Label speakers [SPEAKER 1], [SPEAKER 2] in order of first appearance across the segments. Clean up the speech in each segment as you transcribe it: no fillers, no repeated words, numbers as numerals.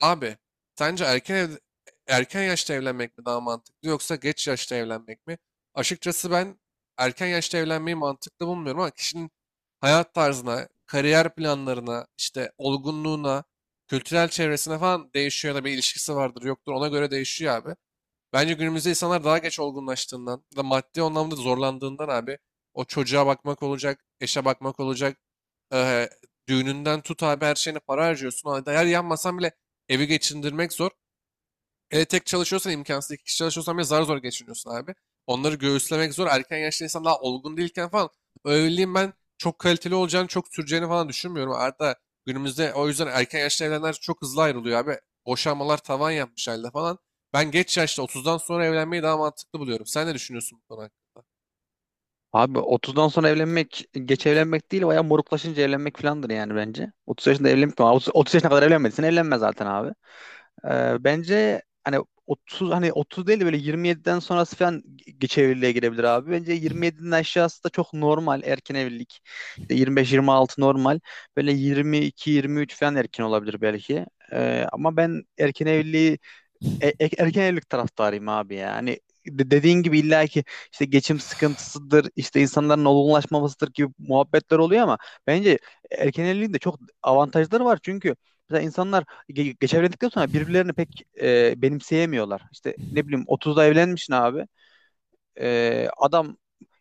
[SPEAKER 1] Abi, sence erken ev, erken yaşta evlenmek mi daha mantıklı yoksa geç yaşta evlenmek mi? Açıkçası ben erken yaşta evlenmeyi mantıklı bulmuyorum ama kişinin hayat tarzına, kariyer planlarına, işte olgunluğuna, kültürel çevresine falan değişiyor ya da bir ilişkisi vardır yoktur ona göre değişiyor abi. Bence günümüzde insanlar daha geç olgunlaştığından da maddi anlamda zorlandığından abi o çocuğa bakmak olacak, eşe bakmak olacak, eee, düğününden tut abi her şeyine para harcıyorsun. O eğer yanmasan bile evi geçindirmek zor. Hele tek çalışıyorsan imkansız. İki kişi çalışıyorsan bile zar zor geçiniyorsun abi. Onları göğüslemek zor. Erken yaşta insan daha olgun değilken falan o evliliğin ben çok kaliteli olacağını, çok süreceğini falan düşünmüyorum. Hatta günümüzde o yüzden erken yaşta evlenenler çok hızlı ayrılıyor abi. Boşanmalar tavan yapmış halde falan. Ben geç yaşta 30'dan sonra evlenmeyi daha mantıklı buluyorum. Sen ne düşünüyorsun bu konu hakkında?
[SPEAKER 2] Abi 30'dan sonra evlenmek geç evlenmek değil bayağı moruklaşınca evlenmek filandır yani bence. 30 yaşında evlenmek mi? 30 yaşına kadar evlenmediysen evlenme zaten abi. Bence hani 30 hani 30 değil de böyle 27'den sonrası falan geç evliliğe girebilir abi. Bence 27'nin aşağısı da çok normal erken evlilik. İşte 25-26 normal. Böyle 22-23 falan erken olabilir belki. Ama ben erken evliliği e- e- erken evlilik taraftarıyım abi ya. Hani dediğin gibi illa ki işte geçim sıkıntısıdır, işte insanların olgunlaşmamasıdır gibi muhabbetler oluyor ama bence erken evliliğin de çok avantajları var. Çünkü mesela insanlar geç evlendikten sonra birbirlerini pek benimseyemiyorlar. İşte ne bileyim 30'da evlenmişsin abi. Adam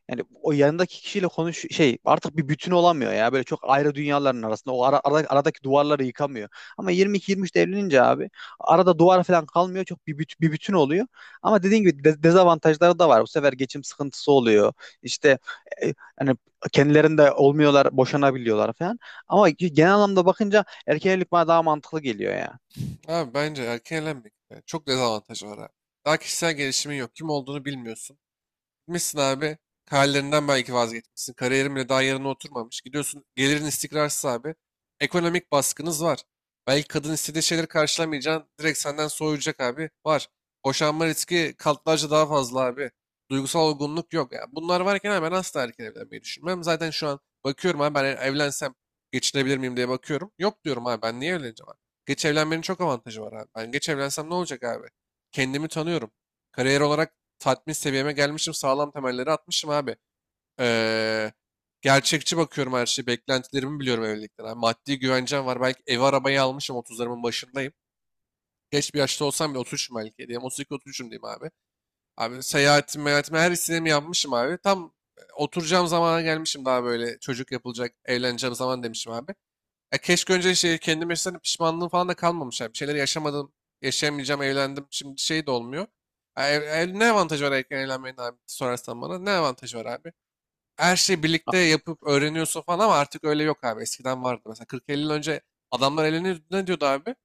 [SPEAKER 2] yani o yanındaki kişiyle konuş şey artık bir bütün olamıyor ya. Böyle çok ayrı dünyaların arasında. O aradaki duvarları yıkamıyor. Ama 22-23'te evlenince abi arada duvar falan kalmıyor. Çok bir bütün oluyor. Ama dediğin gibi dezavantajları da var. Bu sefer geçim sıkıntısı oluyor. İşte e, hani kendilerinde olmuyorlar, boşanabiliyorlar falan. Ama genel anlamda bakınca erkek evlilik bana daha mantıklı geliyor ya.
[SPEAKER 1] Abi bence erken evlenmek yani çok dezavantajı var abi. Daha kişisel gelişimin yok. Kim olduğunu bilmiyorsun. Gitmişsin abi. Kariyerinden belki vazgeçmişsin. Kariyerin bile daha yerine oturmamış. Gidiyorsun, gelirin istikrarsız abi. Ekonomik baskınız var. Belki kadın istediği şeyleri karşılamayacaksın. Direkt senden soğuyacak abi. Var. Boşanma riski katlarca daha fazla abi. Duygusal olgunluk yok. Yani bunlar varken abi ben asla erken evlenmeyi düşünmem. Zaten şu an bakıyorum abi, ben evlensem geçinebilir miyim diye bakıyorum. Yok diyorum abi, ben niye evleneceğim abi. Geç evlenmenin çok avantajı var abi. Ben geç evlensem ne olacak abi? Kendimi tanıyorum. Kariyer olarak tatmin seviyeme gelmişim. Sağlam temelleri atmışım abi. Ee, gerçekçi bakıyorum her şeye. Beklentilerimi biliyorum evlilikten abi. Maddi güvencem var. Belki ev arabayı almışım. 30'larımın başındayım. Geç bir yaşta olsam bile 33'üm belki. Diyeyim. 32-33'üm diyeyim abi. Abi seyahatim, meyahatim her istediğimi yapmışım abi. Tam oturacağım zamana gelmişim, daha böyle çocuk yapılacak, evleneceğim zaman demişim abi. Ya keşke önce şey, kendime yaşasaydım pişmanlığım falan da kalmamış. Yani bir şeyler yaşamadım, yaşayamayacağım, evlendim. Şimdi şey de olmuyor. Ne avantajı var erken evlenmenin abi sorarsan bana. Ne avantajı var abi? Her şeyi birlikte yapıp öğreniyorsun falan ama artık öyle yok abi. Eskiden vardı. Mesela 40-50 yıl önce adamlar evleniyordu. Ne diyordu abi?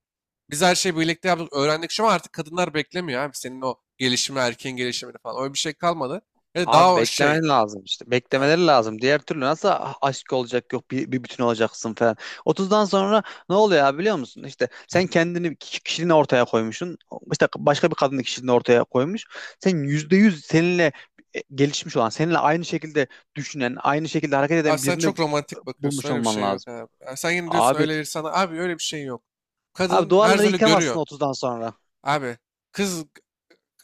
[SPEAKER 1] Biz her şeyi birlikte yaptık, öğrendik. Şu an artık kadınlar beklemiyor abi. Senin o gelişimi, erkeğin gelişimini falan. Öyle bir şey kalmadı. Ya da daha
[SPEAKER 2] Abi
[SPEAKER 1] o şey,
[SPEAKER 2] beklemen lazım işte. Beklemeleri lazım. Diğer türlü nasıl aşk olacak, yok bir bütün olacaksın falan. Otuzdan sonra ne oluyor abi biliyor musun? İşte sen kendini kişiliğini ortaya koymuşsun. İşte başka bir kadının kişiliğini ortaya koymuş. Sen %100 seninle gelişmiş olan, seninle aynı şekilde düşünen, aynı şekilde hareket
[SPEAKER 1] abi
[SPEAKER 2] eden
[SPEAKER 1] sen
[SPEAKER 2] birini
[SPEAKER 1] çok romantik bakıyorsun.
[SPEAKER 2] bulmuş
[SPEAKER 1] Öyle bir
[SPEAKER 2] olman
[SPEAKER 1] şey yok
[SPEAKER 2] lazım.
[SPEAKER 1] abi. Ya sen yine diyorsun
[SPEAKER 2] Abi
[SPEAKER 1] öyle bir sana. Abi öyle bir şey yok.
[SPEAKER 2] Abi
[SPEAKER 1] Kadın her
[SPEAKER 2] duvarları
[SPEAKER 1] türlü görüyor.
[SPEAKER 2] yıkamazsın 30'dan sonra.
[SPEAKER 1] Abi kız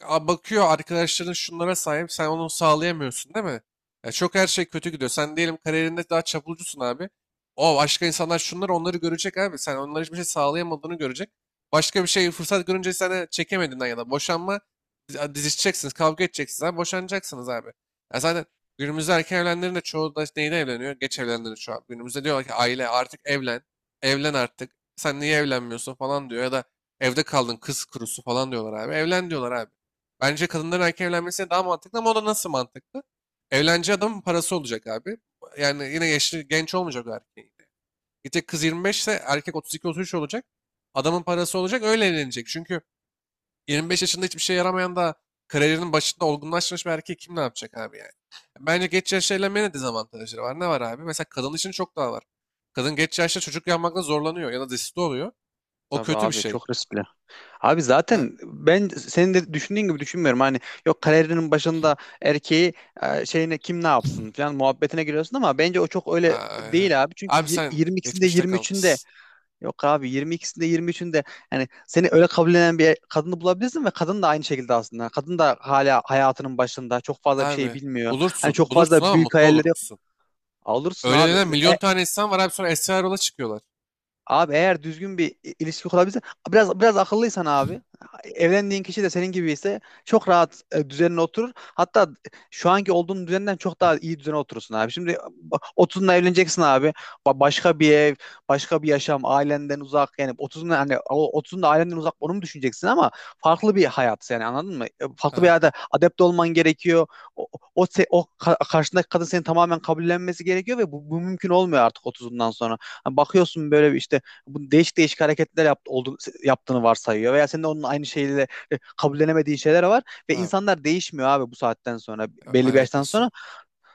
[SPEAKER 1] bakıyor, arkadaşların şunlara sahip, sen onu sağlayamıyorsun değil mi? Ya çok her şey kötü gidiyor. Sen diyelim kariyerinde daha çapulcusun abi. O başka insanlar şunları onları görecek abi. Sen onlara hiçbir şey sağlayamadığını görecek. Başka bir şey fırsat görünce sana çekemediğinden ya da boşanma dizişeceksiniz, kavga edeceksiniz abi, boşanacaksınız abi. Ya zaten günümüzde erken evlenenlerin de çoğu da neyle evleniyor? Geç evlenenlerin şu an. Günümüzde diyorlar ki aile artık evlen, evlen artık. Sen niye evlenmiyorsun falan diyor ya da evde kaldın, kız kurusu falan diyorlar abi. Evlen diyorlar abi. Bence kadınların erken evlenmesi daha mantıklı ama o da nasıl mantıklı? Evleneceği adamın parası olacak abi. Yani yine yaşlı genç olmayacak o erkeğin. Gidecek kız 25 ise erkek 32-33 olacak. Adamın parası olacak, öyle evlenecek. Çünkü 25 yaşında hiçbir şey yaramayan da kariyerinin başında olgunlaşmış bir erkek kim ne yapacak abi yani? Bence geç yaşta evlenmenin de dezavantajları var. Ne var abi? Mesela kadın için çok daha var. Kadın geç yaşta çocuk yapmakta zorlanıyor ya da desiste oluyor. O
[SPEAKER 2] Tabii
[SPEAKER 1] kötü bir
[SPEAKER 2] abi
[SPEAKER 1] şey.
[SPEAKER 2] çok riskli. Abi
[SPEAKER 1] Ha.
[SPEAKER 2] zaten ben senin de düşündüğün gibi düşünmüyorum. Hani yok kariyerinin başında erkeği şeyine kim ne yapsın falan muhabbetine giriyorsun ama bence o çok öyle
[SPEAKER 1] Aa,
[SPEAKER 2] değil abi. Çünkü
[SPEAKER 1] abi sen
[SPEAKER 2] 22'sinde
[SPEAKER 1] geçmişte
[SPEAKER 2] 23'ünde
[SPEAKER 1] kalmışsın.
[SPEAKER 2] yok abi, 22'sinde 23'ünde yani seni öyle kabullenen bir kadını bulabilirsin ve kadın da aynı şekilde aslında. Kadın da hala hayatının başında çok fazla bir şey
[SPEAKER 1] Abi
[SPEAKER 2] bilmiyor. Hani
[SPEAKER 1] bulursun.
[SPEAKER 2] çok
[SPEAKER 1] Bulursun
[SPEAKER 2] fazla
[SPEAKER 1] ama
[SPEAKER 2] büyük
[SPEAKER 1] mutlu olur
[SPEAKER 2] hayalleri yok.
[SPEAKER 1] musun?
[SPEAKER 2] Alırsın
[SPEAKER 1] Öyle
[SPEAKER 2] abi.
[SPEAKER 1] denen milyon tane insan var abi, sonra Esra Erol'a çıkıyorlar.
[SPEAKER 2] Abi eğer düzgün bir ilişki kurabilsen biraz biraz akıllıysan abi, evlendiğin kişi de senin gibi ise çok rahat düzenine oturur. Hatta şu anki olduğun düzenden çok daha iyi düzene oturursun abi. Şimdi 30'unda evleneceksin abi. Başka bir ev, başka bir yaşam, ailenden uzak yani otuzunda hani o 30'unda ailenden uzak onu mu düşüneceksin ama farklı bir hayat yani anladın mı? Farklı bir
[SPEAKER 1] Abi
[SPEAKER 2] hayata adapte olman gerekiyor. O o, o, se- o ka- Karşındaki kadın seni tamamen kabullenmesi gerekiyor ve bu mümkün olmuyor artık otuzundan sonra. Hani bakıyorsun böyle bir işte bu değişik değişik hareketler yaptı, oldu, yaptığını varsayıyor veya senin de onun aynı şeyle kabullenemediğin şeyler var ve
[SPEAKER 1] abi
[SPEAKER 2] insanlar değişmiyor abi bu saatten sonra
[SPEAKER 1] ya
[SPEAKER 2] belli bir yaştan
[SPEAKER 1] alakası
[SPEAKER 2] sonra.
[SPEAKER 1] yok.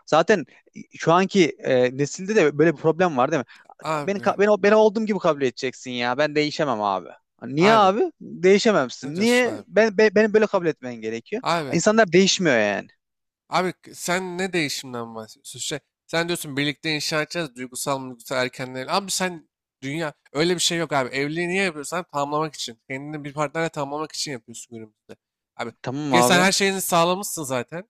[SPEAKER 2] Zaten şu anki nesilde de böyle bir problem var değil mi? Ya, Beni
[SPEAKER 1] Abi
[SPEAKER 2] ka- beni beni olduğum gibi kabul edeceksin ya. Ben değişemem abi. Hani niye
[SPEAKER 1] abi
[SPEAKER 2] abi?
[SPEAKER 1] ne
[SPEAKER 2] Değişememsin.
[SPEAKER 1] diyorsun
[SPEAKER 2] Niye?
[SPEAKER 1] abi?
[SPEAKER 2] Beni böyle kabul etmen gerekiyor.
[SPEAKER 1] Abi
[SPEAKER 2] İnsanlar değişmiyor yani.
[SPEAKER 1] Abi, sen ne değişimden bahsediyorsun? Şey, sen diyorsun birlikte inşa edeceğiz, duygusal duygusal erkenler. Abi sen, dünya öyle bir şey yok abi. Evliliği niye yapıyorsun? Abi, tamamlamak için. Kendini bir partnerle tamamlamak için yapıyorsun günümüzde. Abi
[SPEAKER 2] Tamam
[SPEAKER 1] gel, sen
[SPEAKER 2] abi.
[SPEAKER 1] her şeyini sağlamışsın zaten.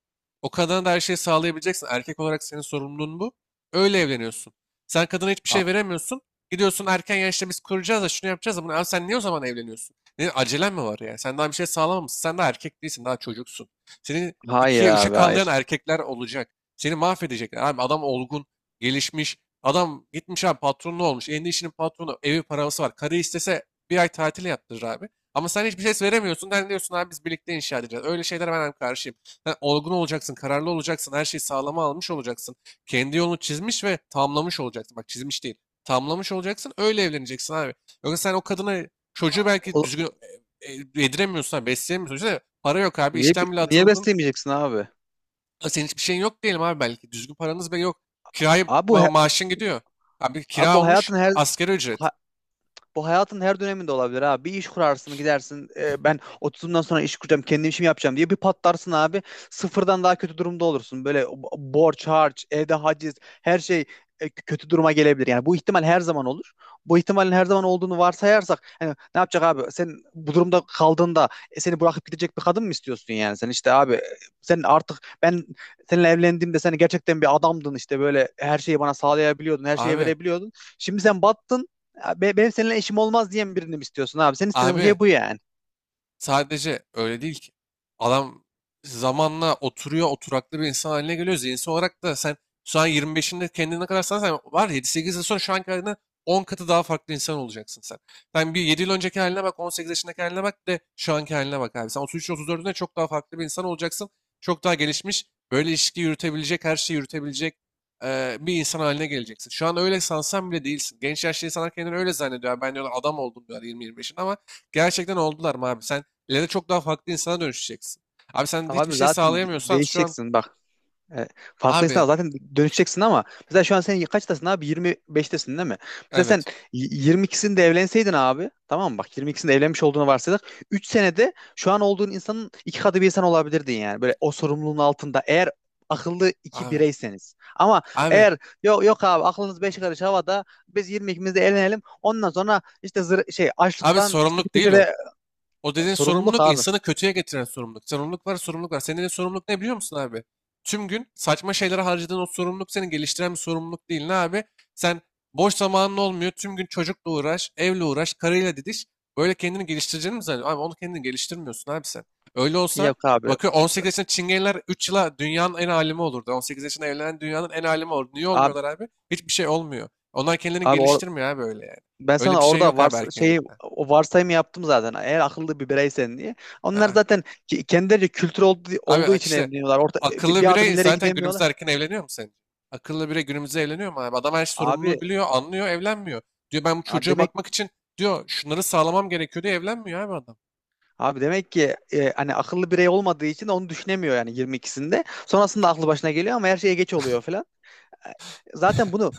[SPEAKER 1] O kadına da her şeyi sağlayabileceksin. Erkek olarak senin sorumluluğun bu. Öyle evleniyorsun. Sen kadına hiçbir
[SPEAKER 2] Ha-
[SPEAKER 1] şey veremiyorsun. Gidiyorsun erken yaşta, biz kuracağız da şunu yapacağız da bunu. Abi sen niye o zaman evleniyorsun? Ne, acelen mi var yani? Sen daha bir şey sağlamamışsın. Sen daha erkek değilsin. Daha çocuksun. Senin
[SPEAKER 2] hayır
[SPEAKER 1] 2'ye üçe
[SPEAKER 2] abi
[SPEAKER 1] kallayan
[SPEAKER 2] hayır.
[SPEAKER 1] erkekler olacak. Seni mahvedecekler. Abi adam olgun, gelişmiş. Adam gitmiş abi, patronlu olmuş. Elinde işinin patronu, evi, parası var. Karı istese bir ay tatil yaptırır abi. Ama sen hiçbir ses veremiyorsun. Sen diyorsun abi biz birlikte inşa edeceğiz. Öyle şeylere ben hem karşıyım. Sen olgun olacaksın, kararlı olacaksın. Her şeyi sağlama almış olacaksın. Kendi yolunu çizmiş ve tamlamış olacaksın. Bak, çizmiş değil. Tamlamış olacaksın. Öyle evleneceksin abi. Yoksa sen o kadına çocuğu belki
[SPEAKER 2] O-
[SPEAKER 1] düzgün yediremiyorsun, besleyemiyorsun. Düşünsene, para yok abi.
[SPEAKER 2] niye
[SPEAKER 1] İşten bile
[SPEAKER 2] niye
[SPEAKER 1] atıldın.
[SPEAKER 2] besleyemeyeceksin abi?
[SPEAKER 1] Ha, senin hiçbir şeyin yok diyelim abi belki. Düzgün paranız bile yok. Kiraya
[SPEAKER 2] Abi bu
[SPEAKER 1] ma
[SPEAKER 2] he-
[SPEAKER 1] maaşın gidiyor. Abi
[SPEAKER 2] abi
[SPEAKER 1] kira
[SPEAKER 2] bu
[SPEAKER 1] olmuş
[SPEAKER 2] hayatın her
[SPEAKER 1] asgari ücret.
[SPEAKER 2] ha- bu hayatın her döneminde olabilir abi. Bir iş kurarsın gidersin, ben 30'umdan sonra iş kuracağım, kendi işimi yapacağım diye bir patlarsın abi. Sıfırdan daha kötü durumda olursun. Böyle borç harç, evde haciz, her şey kötü duruma gelebilir. Yani bu ihtimal her zaman olur. Bu ihtimalin her zaman olduğunu varsayarsak yani ne yapacak abi? Sen bu durumda kaldığında seni bırakıp gidecek bir kadın mı istiyorsun yani? Sen işte abi, sen artık ben seninle evlendiğimde sen gerçekten bir adamdın, işte böyle her şeyi bana sağlayabiliyordun, her şeyi
[SPEAKER 1] Abi,
[SPEAKER 2] verebiliyordun. Şimdi sen battın. Ya benim seninle işim olmaz diyen birini mi istiyorsun abi? Senin istediğin
[SPEAKER 1] abi,
[SPEAKER 2] şey bu yani.
[SPEAKER 1] sadece öyle değil ki. Adam zamanla oturuyor, oturaklı bir insan haline geliyor. Zihinsel olarak da sen şu an 25'inde kendine ne kadar sanırsan var, yedi 8 yıl sonra şu anki halinden 10 katı daha farklı insan olacaksın sen. Sen bir 7 yıl önceki haline bak, 18 yaşındaki haline bak, de şu anki haline bak abi. Sen 33-34'ünde çok daha farklı bir insan olacaksın. Çok daha gelişmiş, böyle ilişki yürütebilecek, her şeyi yürütebilecek bir insan haline geleceksin. Şu an öyle sansan bile değilsin. Genç yaşlı insanlar kendini öyle zannediyor. Ben, diyorlar, adam oldum diyorlar 20-25'in ama gerçekten oldular mı abi? Sen İleride çok daha farklı insana dönüşeceksin. Abi sen hiçbir
[SPEAKER 2] Abi
[SPEAKER 1] şey
[SPEAKER 2] zaten
[SPEAKER 1] sağlayamıyorsan şu an
[SPEAKER 2] değişeceksin bak. E, Farklı
[SPEAKER 1] abi,
[SPEAKER 2] insan zaten dönüşeceksin ama mesela şu an sen kaçtasın abi? 25'tesin değil mi? Mesela sen
[SPEAKER 1] evet
[SPEAKER 2] y- 22'sinde evlenseydin abi, tamam mı? Bak 22'sinde evlenmiş olduğunu varsaydık. 3 senede şu an olduğun insanın iki katı bir insan olabilirdin yani. Böyle o sorumluluğun altında, eğer akıllı iki
[SPEAKER 1] abi,
[SPEAKER 2] bireyseniz. Ama
[SPEAKER 1] abi
[SPEAKER 2] eğer yok yok abi, aklınız beş karış havada, biz 22'mizde evlenelim, ondan sonra işte şey,
[SPEAKER 1] abi,
[SPEAKER 2] açlıktan işte bir
[SPEAKER 1] sorumluluk değil o.
[SPEAKER 2] köşede.
[SPEAKER 1] O dediğin
[SPEAKER 2] Sorumluluk
[SPEAKER 1] sorumluluk
[SPEAKER 2] abi.
[SPEAKER 1] insanı kötüye getiren sorumluluk. Sorumluluk var, sorumluluk var. Senin dediğin sorumluluk ne biliyor musun abi? Tüm gün saçma şeylere harcadığın o sorumluluk seni geliştiren bir sorumluluk değil, ne abi? Sen, boş zamanın olmuyor. Tüm gün çocukla uğraş, evle uğraş, karıyla didiş. Böyle kendini geliştireceğini mi zannediyorsun? Abi onu kendini geliştirmiyorsun abi sen. Öyle olsa
[SPEAKER 2] Yok abi.
[SPEAKER 1] bakıyor 18 yaşında çingeneler 3 yıla dünyanın en alimi olurdu. 18 yaşında evlenen dünyanın en alimi olurdu. Niye
[SPEAKER 2] Abi,
[SPEAKER 1] olmuyorlar abi? Hiçbir şey olmuyor. Onlar kendilerini
[SPEAKER 2] abi or-
[SPEAKER 1] geliştirmiyor abi öyle yani.
[SPEAKER 2] ben
[SPEAKER 1] Öyle bir
[SPEAKER 2] sana
[SPEAKER 1] şey
[SPEAKER 2] orada
[SPEAKER 1] yok
[SPEAKER 2] var
[SPEAKER 1] abi
[SPEAKER 2] şeyi,
[SPEAKER 1] erkenlikten.
[SPEAKER 2] o varsayımı yaptım zaten. Eğer akıllı bir bireysen diye. Onlar
[SPEAKER 1] Aa.
[SPEAKER 2] zaten kendileri kültür olduğu,
[SPEAKER 1] Abi
[SPEAKER 2] olduğu için
[SPEAKER 1] işte,
[SPEAKER 2] evleniyorlar. Orta, bir,
[SPEAKER 1] akıllı
[SPEAKER 2] bir adım
[SPEAKER 1] birey
[SPEAKER 2] ileri
[SPEAKER 1] zaten
[SPEAKER 2] gidemiyorlar.
[SPEAKER 1] günümüzde erken evleniyor mu sence? Akıllı birey günümüzde evleniyor mu abi? Adam her
[SPEAKER 2] Abi,
[SPEAKER 1] sorumluluğu biliyor, anlıyor, evlenmiyor. Diyor ben bu
[SPEAKER 2] abi
[SPEAKER 1] çocuğa
[SPEAKER 2] demek
[SPEAKER 1] bakmak için, diyor şunları sağlamam gerekiyor diye evlenmiyor abi adam.
[SPEAKER 2] abi demek ki hani akıllı birey olmadığı için onu düşünemiyor yani 22'sinde. Sonrasında aklı başına geliyor ama her şeye geç oluyor, zaten bunu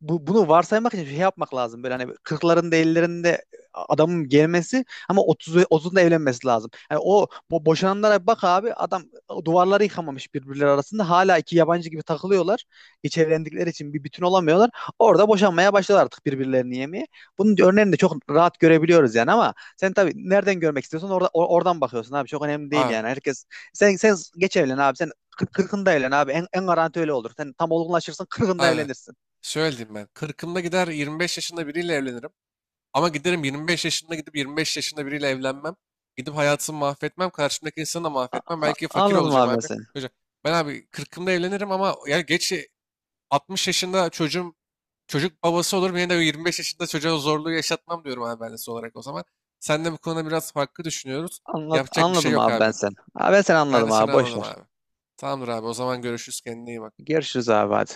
[SPEAKER 2] bu, bunu varsaymak için şey yapmak lazım. Böyle hani 40'larında 50'lerinde adamın gelmesi, ama 30'unda evlenmesi lazım. Yani o bu boşananlara bak abi, adam duvarları yıkamamış, birbirleri arasında hala iki yabancı gibi takılıyorlar. Hiç evlendikleri için bir bütün olamıyorlar. Orada boşanmaya başladılar artık, birbirlerini yemeye. Bunun örneğini de çok rahat görebiliyoruz yani, ama sen tabii nereden görmek istiyorsan orada oradan bakıyorsun abi, çok önemli değil
[SPEAKER 1] Abi,
[SPEAKER 2] yani. Herkes, sen geç evlen abi, sen kırkında evlen abi. En garanti öyle olur. Sen tam olgunlaşırsın, kırkında
[SPEAKER 1] abi,
[SPEAKER 2] evlenirsin.
[SPEAKER 1] şöyle diyeyim ben. 40'ımda gider 25 yaşında biriyle evlenirim. Ama giderim 25 yaşında, gidip 25 yaşında biriyle evlenmem. Gidip hayatımı mahvetmem. Karşımdaki insanı da
[SPEAKER 2] A-
[SPEAKER 1] mahvetmem.
[SPEAKER 2] a-
[SPEAKER 1] Belki fakir
[SPEAKER 2] anladım
[SPEAKER 1] olacağım
[SPEAKER 2] abi ben
[SPEAKER 1] abi.
[SPEAKER 2] seni.
[SPEAKER 1] Hocam, ben abi 40'ımda evlenirim ama ya geç, 60 yaşında çocuğum, çocuk babası olurum yine de 25 yaşında çocuğa zorluğu yaşatmam diyorum abi ben de son olarak o zaman. Sen de bu konuda biraz farklı düşünüyoruz.
[SPEAKER 2] Anla-
[SPEAKER 1] Yapacak bir şey
[SPEAKER 2] anladım
[SPEAKER 1] yok
[SPEAKER 2] abi ben
[SPEAKER 1] abi.
[SPEAKER 2] seni. Abi ben seni
[SPEAKER 1] Ben de
[SPEAKER 2] anladım
[SPEAKER 1] seni
[SPEAKER 2] abi. Boş
[SPEAKER 1] anladım
[SPEAKER 2] ver.
[SPEAKER 1] abi. Tamamdır abi, o zaman görüşürüz, kendine iyi bak.
[SPEAKER 2] Görüşürüz abi hadi.